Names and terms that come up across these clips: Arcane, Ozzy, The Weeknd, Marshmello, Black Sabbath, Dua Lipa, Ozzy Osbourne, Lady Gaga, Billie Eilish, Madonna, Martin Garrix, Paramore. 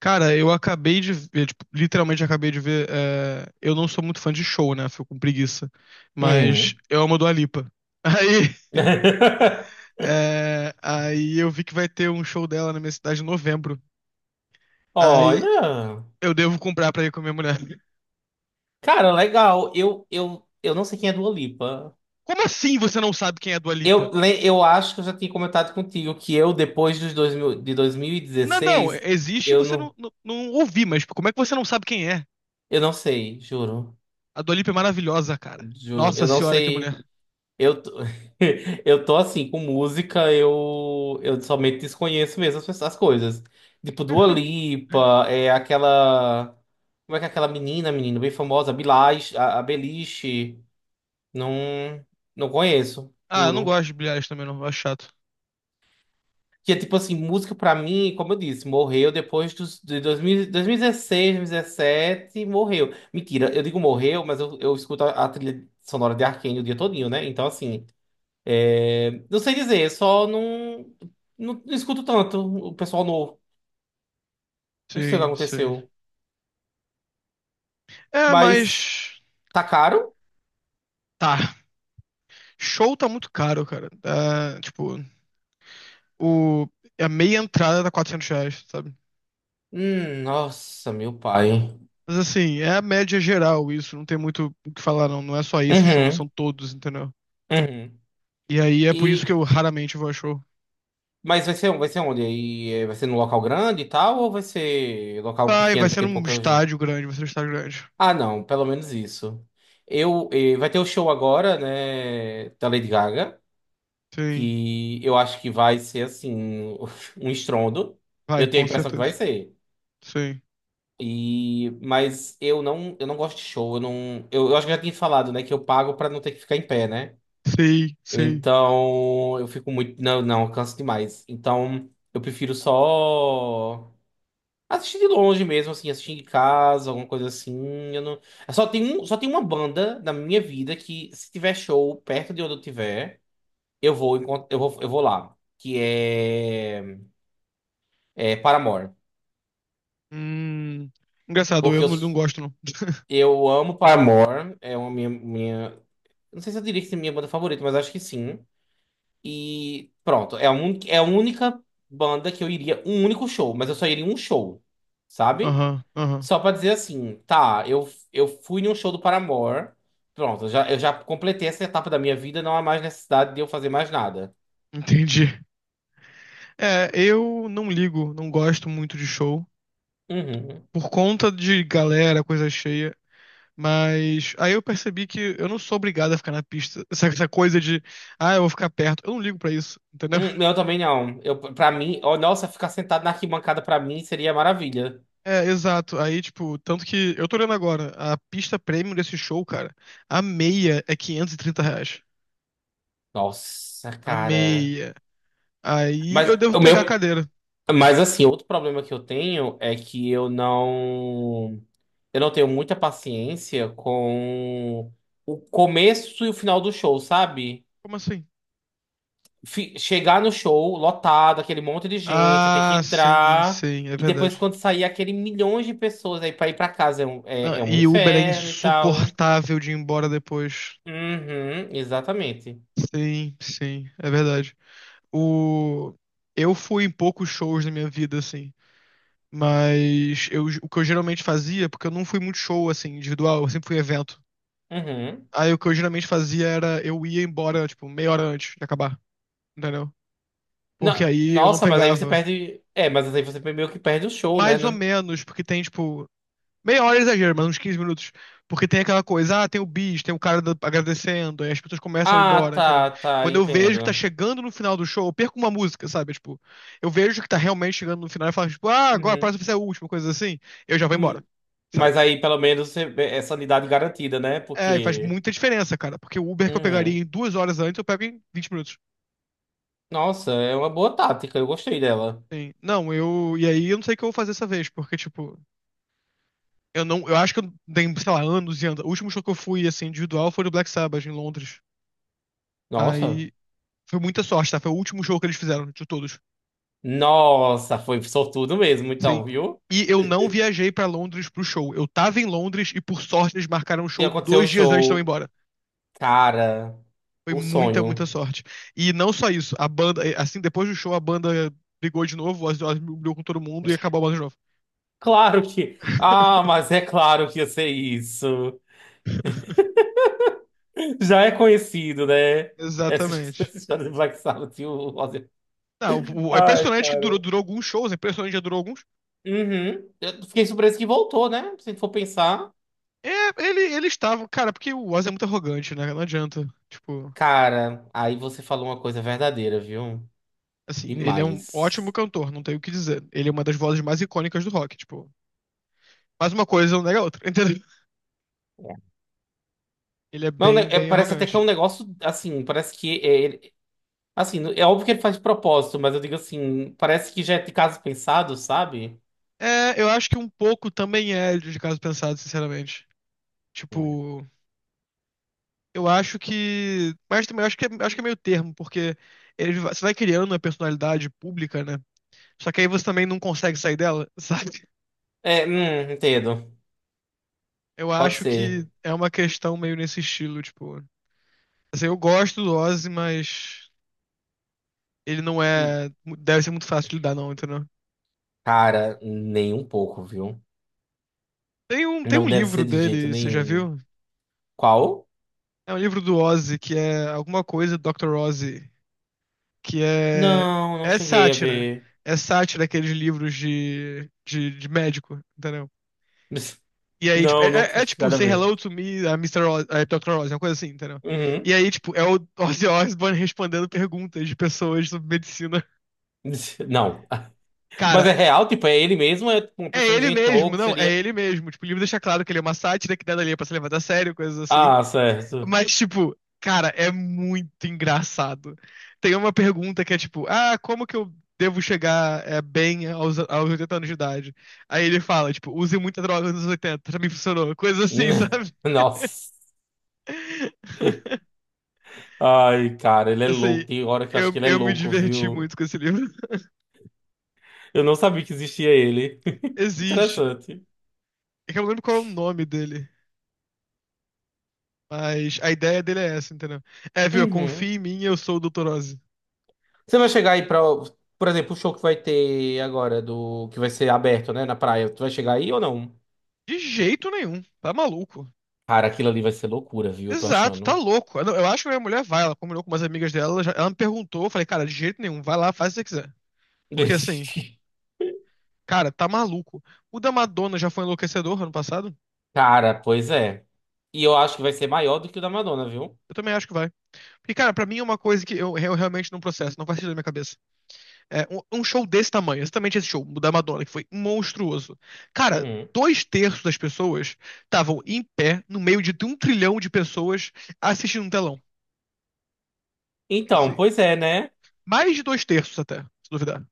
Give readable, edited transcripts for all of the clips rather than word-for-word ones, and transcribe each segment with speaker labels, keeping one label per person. Speaker 1: Cara, eu acabei de ver, tipo, literalmente acabei de ver. Eu não sou muito fã de show, né? Fico com preguiça. Mas
Speaker 2: Uhum.
Speaker 1: eu amo a Dua Lipa. Aí, eu vi que vai ter um show dela na minha cidade em novembro. Aí
Speaker 2: Olha,
Speaker 1: eu devo comprar pra ir com a minha mulher.
Speaker 2: cara, legal. Eu não sei quem é Dua Lipa.
Speaker 1: Como assim você não sabe quem é a Dua Lipa?
Speaker 2: Eu, eu acho que eu já tinha comentado contigo que eu, depois dos 2000 de
Speaker 1: Não, não,
Speaker 2: 2016,
Speaker 1: existe e
Speaker 2: eu
Speaker 1: você não,
Speaker 2: não,
Speaker 1: não, não ouvi, mas tipo, como é que você não sabe quem é?
Speaker 2: eu não sei, juro.
Speaker 1: A Dua Lipa é maravilhosa, cara.
Speaker 2: Juro,
Speaker 1: Nossa
Speaker 2: eu não
Speaker 1: senhora, que
Speaker 2: sei.
Speaker 1: mulher.
Speaker 2: Eu, tô- eu tô assim, com música, eu somente desconheço mesmo as, as coisas. Tipo, Dua Lipa, é aquela. Como é que é aquela menina bem famosa, a Beliche. Não, não conheço,
Speaker 1: Ah, eu não
Speaker 2: juro.
Speaker 1: gosto de bilhares também, não. Eu acho chato.
Speaker 2: Que é tipo assim, música pra mim, como eu disse, morreu depois dos, de dois mil e dezesseis, dois mil e dezessete morreu. Mentira, eu digo morreu, mas eu escuto a trilha sonora de Arcane o dia todinho, né? Então assim, não sei dizer, só não, não, não escuto tanto o pessoal novo. Não sei o que
Speaker 1: Sim, sim.
Speaker 2: aconteceu.
Speaker 1: É,
Speaker 2: Mas
Speaker 1: mas.
Speaker 2: tá caro?
Speaker 1: Tá. Show tá muito caro, cara. Tá, tipo, o, é a meia entrada tá R$ 400, sabe?
Speaker 2: Nossa, meu pai.
Speaker 1: Mas assim, é a média geral isso. Não tem muito o que falar, não. Não é só esse show,
Speaker 2: Uhum,
Speaker 1: são todos, entendeu?
Speaker 2: uhum.
Speaker 1: E aí é por isso que eu
Speaker 2: E,
Speaker 1: raramente vou a show.
Speaker 2: Mas vai ser, vai ser onde? Vai ser num local grande e tal, ou vai ser local
Speaker 1: Vai, vai
Speaker 2: pequeno que
Speaker 1: ser
Speaker 2: tem
Speaker 1: num
Speaker 2: pouca gente?
Speaker 1: estádio grande, vai ser um estádio grande.
Speaker 2: Ah, não, pelo menos isso. Eu, vai ter o show agora, né, da Lady Gaga,
Speaker 1: Sim,
Speaker 2: que eu acho que vai ser assim um estrondo.
Speaker 1: vai,
Speaker 2: Eu tenho a
Speaker 1: com
Speaker 2: impressão que vai
Speaker 1: certeza.
Speaker 2: ser.
Speaker 1: Sim,
Speaker 2: E mas eu não gosto de show, eu não, eu acho que já tinha falado, né, que eu pago pra não ter que ficar em pé, né?
Speaker 1: sei, sei.
Speaker 2: Então, eu fico muito, não, não, eu canso demais. Então, eu prefiro só assisti de longe mesmo, assim, assisti em casa, alguma coisa assim. Eu não... eu só tem um, só tem uma banda na minha vida que, se tiver show perto de onde eu tiver, eu vou lá. É Paramore.
Speaker 1: Hum. Engraçado, eu
Speaker 2: Porque
Speaker 1: não, não gosto, não.
Speaker 2: eu amo Paramore. É uma minha, minha. Não sei se eu diria que é minha banda favorita, mas acho que sim. E pronto, é a única banda que eu iria. Um único show, mas eu só iria em um show, sabe?
Speaker 1: Aham, aham.
Speaker 2: Só pra dizer assim, tá, eu fui num show do Paramore. Pronto, eu já completei essa etapa da minha vida, não há mais necessidade de eu fazer mais nada.
Speaker 1: Entendi. É, eu não ligo, não gosto muito de show.
Speaker 2: Uhum.
Speaker 1: Por conta de galera, coisa cheia. Mas aí eu percebi que eu não sou obrigado a ficar na pista. Essa coisa de, ah, eu vou ficar perto. Eu não ligo pra isso, entendeu?
Speaker 2: Eu também não. Eu, pra mim, oh, nossa, ficar sentado na arquibancada pra mim seria maravilha.
Speaker 1: É, exato. Aí, tipo, tanto que eu tô olhando agora, a pista premium desse show, cara, a meia é R$ 530.
Speaker 2: Nossa,
Speaker 1: A
Speaker 2: cara.
Speaker 1: meia. Aí
Speaker 2: Mas
Speaker 1: eu devo
Speaker 2: o
Speaker 1: pegar a
Speaker 2: meu,
Speaker 1: cadeira.
Speaker 2: mas assim, outro problema que eu tenho é que eu não tenho muita paciência com o começo e o final do show, sabe?
Speaker 1: Como assim?
Speaker 2: Chegar no show lotado, aquele monte de gente, ter que
Speaker 1: Ah, sim,
Speaker 2: entrar.
Speaker 1: sim, é
Speaker 2: E depois,
Speaker 1: verdade.
Speaker 2: quando sair aquele milhões de pessoas aí pra ir pra casa, é
Speaker 1: Ah,
Speaker 2: é um
Speaker 1: e Uber é
Speaker 2: inferno e tal.
Speaker 1: insuportável de ir embora depois.
Speaker 2: Uhum, exatamente.
Speaker 1: Sim, sim, é verdade. O... Eu fui em poucos shows na minha vida, assim. Mas eu, o que eu geralmente fazia, porque eu não fui muito show, assim, individual, eu sempre fui em evento.
Speaker 2: Uhum.
Speaker 1: Aí o que eu geralmente fazia era eu ia embora, tipo, meia hora antes de acabar, entendeu? Porque aí eu não
Speaker 2: Nossa, mas aí você
Speaker 1: pegava.
Speaker 2: perde. É, mas aí você meio que perde o show,
Speaker 1: Mais ou
Speaker 2: né?
Speaker 1: menos, porque tem, tipo, meia hora é exagero, mas uns 15 minutos. Porque tem aquela coisa, ah, tem o bis, tem o cara agradecendo, aí as pessoas começam a ir
Speaker 2: Ah,
Speaker 1: embora, entendeu?
Speaker 2: tá, tá,
Speaker 1: Quando eu vejo que tá
Speaker 2: entendo.
Speaker 1: chegando no final do show, eu perco uma música, sabe? Tipo, eu vejo que tá realmente chegando no final e falo, tipo, ah, agora a
Speaker 2: Uhum.
Speaker 1: próxima vai ser a última, coisa assim, eu já vou embora,
Speaker 2: Hum, mas
Speaker 1: sabe?
Speaker 2: aí pelo menos é sanidade garantida, né?
Speaker 1: É, e faz
Speaker 2: Porque.
Speaker 1: muita diferença, cara. Porque o Uber que eu pegaria
Speaker 2: Uhum.
Speaker 1: em 2 horas antes, eu pego em 20 minutos.
Speaker 2: Nossa, é uma boa tática, eu gostei dela.
Speaker 1: Sim. Não, eu. E aí eu não sei o que eu vou fazer essa vez, porque, tipo, eu não. Eu acho que eu dei, sei lá, anos e anos. O último show que eu fui, assim, individual foi no Black Sabbath, em Londres.
Speaker 2: Nossa.
Speaker 1: Aí. Foi muita sorte, tá? Foi o último show que eles fizeram, de todos.
Speaker 2: Nossa, foi sortudo mesmo,
Speaker 1: Sim.
Speaker 2: então, viu?
Speaker 1: E eu não viajei pra Londres pro show. Eu tava em Londres e, por sorte, eles marcaram o
Speaker 2: E
Speaker 1: show
Speaker 2: aconteceu o
Speaker 1: 2 dias antes de eu ir
Speaker 2: show.
Speaker 1: embora.
Speaker 2: Cara,
Speaker 1: Foi
Speaker 2: o
Speaker 1: muita, muita
Speaker 2: sonho.
Speaker 1: sorte. E não só isso, a banda, assim, depois do show, a banda brigou de novo, o Ozzy Osbourne brigou com todo mundo e acabou a banda de novo.
Speaker 2: Claro que. Ah, mas é claro que ia ser isso. Já é conhecido, né?
Speaker 1: Exatamente.
Speaker 2: Essa história do Black Sabbath e o Ozzy.
Speaker 1: Não, é
Speaker 2: Ai,
Speaker 1: impressionante que durou,
Speaker 2: cara.
Speaker 1: durou alguns shows, é impressionante que já durou alguns.
Speaker 2: Uhum. Eu fiquei surpreso que voltou, né? Se for pensar.
Speaker 1: É, ele estava, cara, porque o Ozzy é muito arrogante, né? Não adianta. Tipo,
Speaker 2: Cara, aí você falou uma coisa verdadeira, viu?
Speaker 1: assim, ele é um ótimo
Speaker 2: Demais.
Speaker 1: cantor, não tem o que dizer. Ele é uma das vozes mais icônicas do rock, tipo. Mas uma coisa não nega a outra, entendeu? Ele é
Speaker 2: Não, né,
Speaker 1: bem, bem
Speaker 2: parece até que é um
Speaker 1: arrogante.
Speaker 2: negócio assim, assim, é óbvio que ele faz de propósito, mas eu digo assim, parece que já é de caso pensado, sabe?
Speaker 1: É, eu acho que um pouco também é de caso pensado, sinceramente.
Speaker 2: Hum.
Speaker 1: Tipo, eu acho que. Mas também eu acho que, acho que é meio termo, porque ele, você vai criando uma personalidade pública, né? Só que aí você também não consegue sair dela, sabe?
Speaker 2: É, entendo.
Speaker 1: Eu
Speaker 2: Pode
Speaker 1: acho que
Speaker 2: ser.
Speaker 1: é uma questão meio nesse estilo, tipo. Assim, eu gosto do Ozzy, mas ele não
Speaker 2: Hum,
Speaker 1: é. Deve ser muito fácil de lidar, não, entendeu?
Speaker 2: Cara, nem um pouco, viu?
Speaker 1: Tem um, tem
Speaker 2: Não
Speaker 1: um
Speaker 2: deve ser
Speaker 1: livro
Speaker 2: de jeito
Speaker 1: dele, você já
Speaker 2: nenhum.
Speaker 1: viu?
Speaker 2: Qual?
Speaker 1: É um livro do Ozzy, que é alguma coisa do Dr. Ozzy, que é.
Speaker 2: Não, não
Speaker 1: É
Speaker 2: cheguei a
Speaker 1: sátira.
Speaker 2: ver.
Speaker 1: É sátira aqueles livros de médico, entendeu? E aí, tipo,
Speaker 2: Não, não tinha
Speaker 1: é tipo,
Speaker 2: chegado a
Speaker 1: Say
Speaker 2: ver.
Speaker 1: Hello to Me, a Mr. Oz, a Dr. Oz, uma coisa assim, entendeu? E
Speaker 2: Uhum.
Speaker 1: aí, tipo, é o Ozzy Osbourne respondendo perguntas de pessoas sobre medicina.
Speaker 2: Não.
Speaker 1: Cara,
Speaker 2: Mas é real, tipo, é ele mesmo, é tipo, uma
Speaker 1: é
Speaker 2: pessoa
Speaker 1: ele
Speaker 2: inventou
Speaker 1: mesmo,
Speaker 2: que
Speaker 1: não, é
Speaker 2: seria.
Speaker 1: ele mesmo. Tipo, o livro deixa claro que ele é uma sátira, que nada ali é pra se levar a sério, coisas assim.
Speaker 2: Ah, certo.
Speaker 1: Mas, tipo, cara, é muito engraçado. Tem uma pergunta que é tipo, ah, como que eu devo chegar é, bem aos, aos 80 anos de idade? Aí ele fala, tipo, use muita droga nos 80 pra mim funcionou. Coisas assim, sabe?
Speaker 2: Nossa. Ai, cara, ele é
Speaker 1: Assim,
Speaker 2: louco. Tem hora que eu acho
Speaker 1: eu,
Speaker 2: que ele é
Speaker 1: eu me
Speaker 2: louco,
Speaker 1: diverti
Speaker 2: viu?
Speaker 1: muito com esse livro.
Speaker 2: Eu não sabia que existia ele.
Speaker 1: Existe.
Speaker 2: Interessante.
Speaker 1: É que eu não lembro qual é o nome dele. Mas a ideia dele é essa, entendeu? É, viu? Confia
Speaker 2: Uhum.
Speaker 1: em mim, eu sou o Dr. Oz.
Speaker 2: Você vai chegar aí pra. Por exemplo, o show que vai ter agora, do que vai ser aberto, né, na praia. Tu vai chegar aí ou não?
Speaker 1: De jeito nenhum. Tá maluco.
Speaker 2: Cara, aquilo ali vai ser loucura, viu? Eu tô
Speaker 1: Exato, tá
Speaker 2: achando.
Speaker 1: louco. Eu, não- eu acho que a minha mulher vai, ela combinou com umas amigas dela, ela me perguntou, eu falei, cara, de jeito nenhum, vai lá, faz o que você quiser. Porque assim, cara, tá maluco. O da Madonna já foi enlouquecedor ano passado?
Speaker 2: Cara, pois é. E eu acho que vai ser maior do que o da Madonna, viu?
Speaker 1: Eu também acho que vai. Porque, cara, pra mim é uma coisa que eu realmente não processo, não faz sentido na minha cabeça. É, um show desse tamanho, exatamente esse show da Madonna, que foi monstruoso. Cara,
Speaker 2: Uhum.
Speaker 1: dois terços das pessoas estavam em pé, no meio de um trilhão de pessoas, assistindo um telão.
Speaker 2: Então,
Speaker 1: Assim,
Speaker 2: pois é, né?
Speaker 1: mais de dois terços até, se duvidar.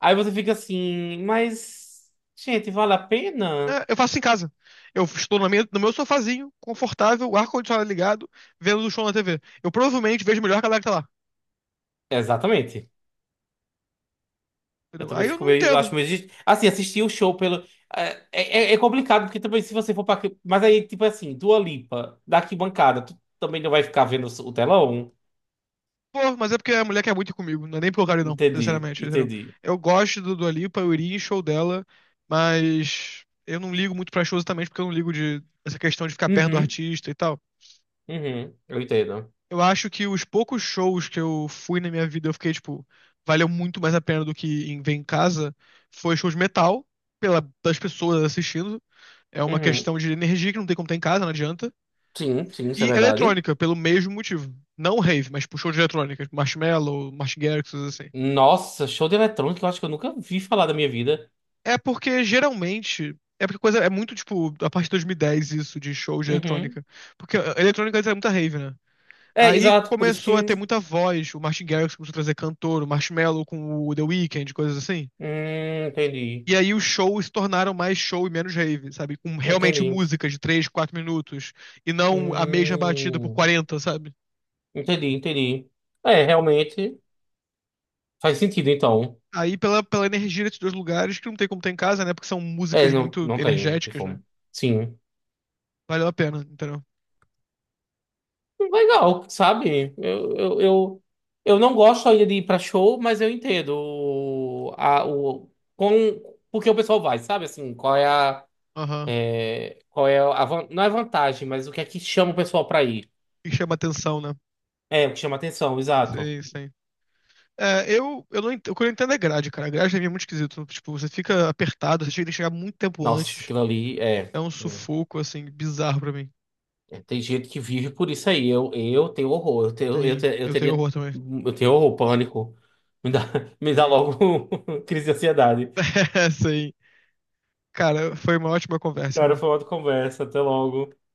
Speaker 2: Aí você fica assim, mas, gente, vale a pena?
Speaker 1: É, eu faço isso em casa. Eu estou na minha- no meu sofazinho, confortável, o ar-condicionado ligado, vendo o show na TV. Eu provavelmente vejo melhor que a galera que tá lá.
Speaker 2: Exatamente. Eu
Speaker 1: Entendeu?
Speaker 2: também
Speaker 1: Aí eu
Speaker 2: fico
Speaker 1: não
Speaker 2: meio. Eu
Speaker 1: entendo.
Speaker 2: Acho meio. Assim, assistir o show pelo. É, é, é é complicado, porque também se você for pra. Mas aí, tipo assim, Dua Lipa, da arquibancada, tu também não vai ficar vendo o telão?
Speaker 1: Pô, mas é porque a mulher quer muito ir comigo, não é nem pelo cara, não,
Speaker 2: Entendi,
Speaker 1: sinceramente, entendeu?
Speaker 2: entendi.
Speaker 1: Eu gosto do Dua Lipa, eu iria em show dela, mas eu não ligo muito pra show exatamente porque eu não ligo de essa questão de ficar perto do
Speaker 2: Uhum,
Speaker 1: artista e tal.
Speaker 2: uhum, eu entendo.
Speaker 1: Eu acho que os poucos shows que eu fui na minha vida, eu fiquei, tipo, valeu muito mais a pena do que em ver em casa, foi show de metal, pela, das pessoas assistindo. É uma
Speaker 2: Uhum.
Speaker 1: questão de energia que não tem como ter em casa, não adianta.
Speaker 2: Sim, sim, isso é
Speaker 1: E
Speaker 2: verdade.
Speaker 1: eletrônica, pelo mesmo motivo. Não rave, mas tipo, show de eletrônica, tipo, Marshmello, Martin Garrix, coisas assim.
Speaker 2: Nossa, show de eletrônica, eu acho que eu nunca vi falar da minha vida.
Speaker 1: É porque geralmente. É porque coisa é muito tipo a partir de 2010 isso de show de
Speaker 2: Uhum.
Speaker 1: eletrônica. Porque a eletrônica antes era muita rave, né?
Speaker 2: É,
Speaker 1: Aí
Speaker 2: exato, por isso
Speaker 1: começou a
Speaker 2: que.
Speaker 1: ter muita voz, o Martin Garrix começou a trazer cantor, o Marshmello com o The Weeknd, coisas assim.
Speaker 2: Entendi,
Speaker 1: E aí os shows se tornaram mais show e menos rave, sabe? Com realmente
Speaker 2: entendi.
Speaker 1: músicas de 3 4 minutos e não a mesma batida por
Speaker 2: Hum,
Speaker 1: quarenta, sabe?
Speaker 2: entendi, entendi. É, realmente faz sentido, então.
Speaker 1: Aí pela, pela energia desses dois lugares que não tem como ter em casa, né? Porque são
Speaker 2: É,
Speaker 1: músicas
Speaker 2: não,
Speaker 1: muito
Speaker 2: não tem, não tem
Speaker 1: energéticas, né?
Speaker 2: como. Sim.
Speaker 1: Valeu a pena, entendeu?
Speaker 2: Legal, sabe? Eu não gosto ainda de ir pra show, mas eu entendo o, a, o, com, porque o pessoal vai, sabe?
Speaker 1: Aham.
Speaker 2: Qual é a, não é vantagem, mas o que é que chama o pessoal pra ir?
Speaker 1: E chama atenção, né?
Speaker 2: É, o que chama atenção, exato.
Speaker 1: Sim, sim. É, eu não entendo. O que eu não entendo é grade, cara. A grade pra mim é muito esquisito, né? Tipo, você fica apertado, você chega- tem que chegar muito tempo
Speaker 2: Nossa,
Speaker 1: antes.
Speaker 2: aquilo ali é,
Speaker 1: É um sufoco, assim, bizarro pra mim.
Speaker 2: é, Tem gente que vive por isso aí. Eu tenho horror, eu tenho, eu,
Speaker 1: Sim,
Speaker 2: te- eu
Speaker 1: eu tenho
Speaker 2: teria,
Speaker 1: horror também.
Speaker 2: eu tenho horror, pânico. Me dá, me dá
Speaker 1: Sim.
Speaker 2: logo crise de ansiedade.
Speaker 1: Sim. Cara, foi uma ótima conversa,
Speaker 2: Cara,
Speaker 1: irmão.
Speaker 2: foi uma outra conversa. Até logo.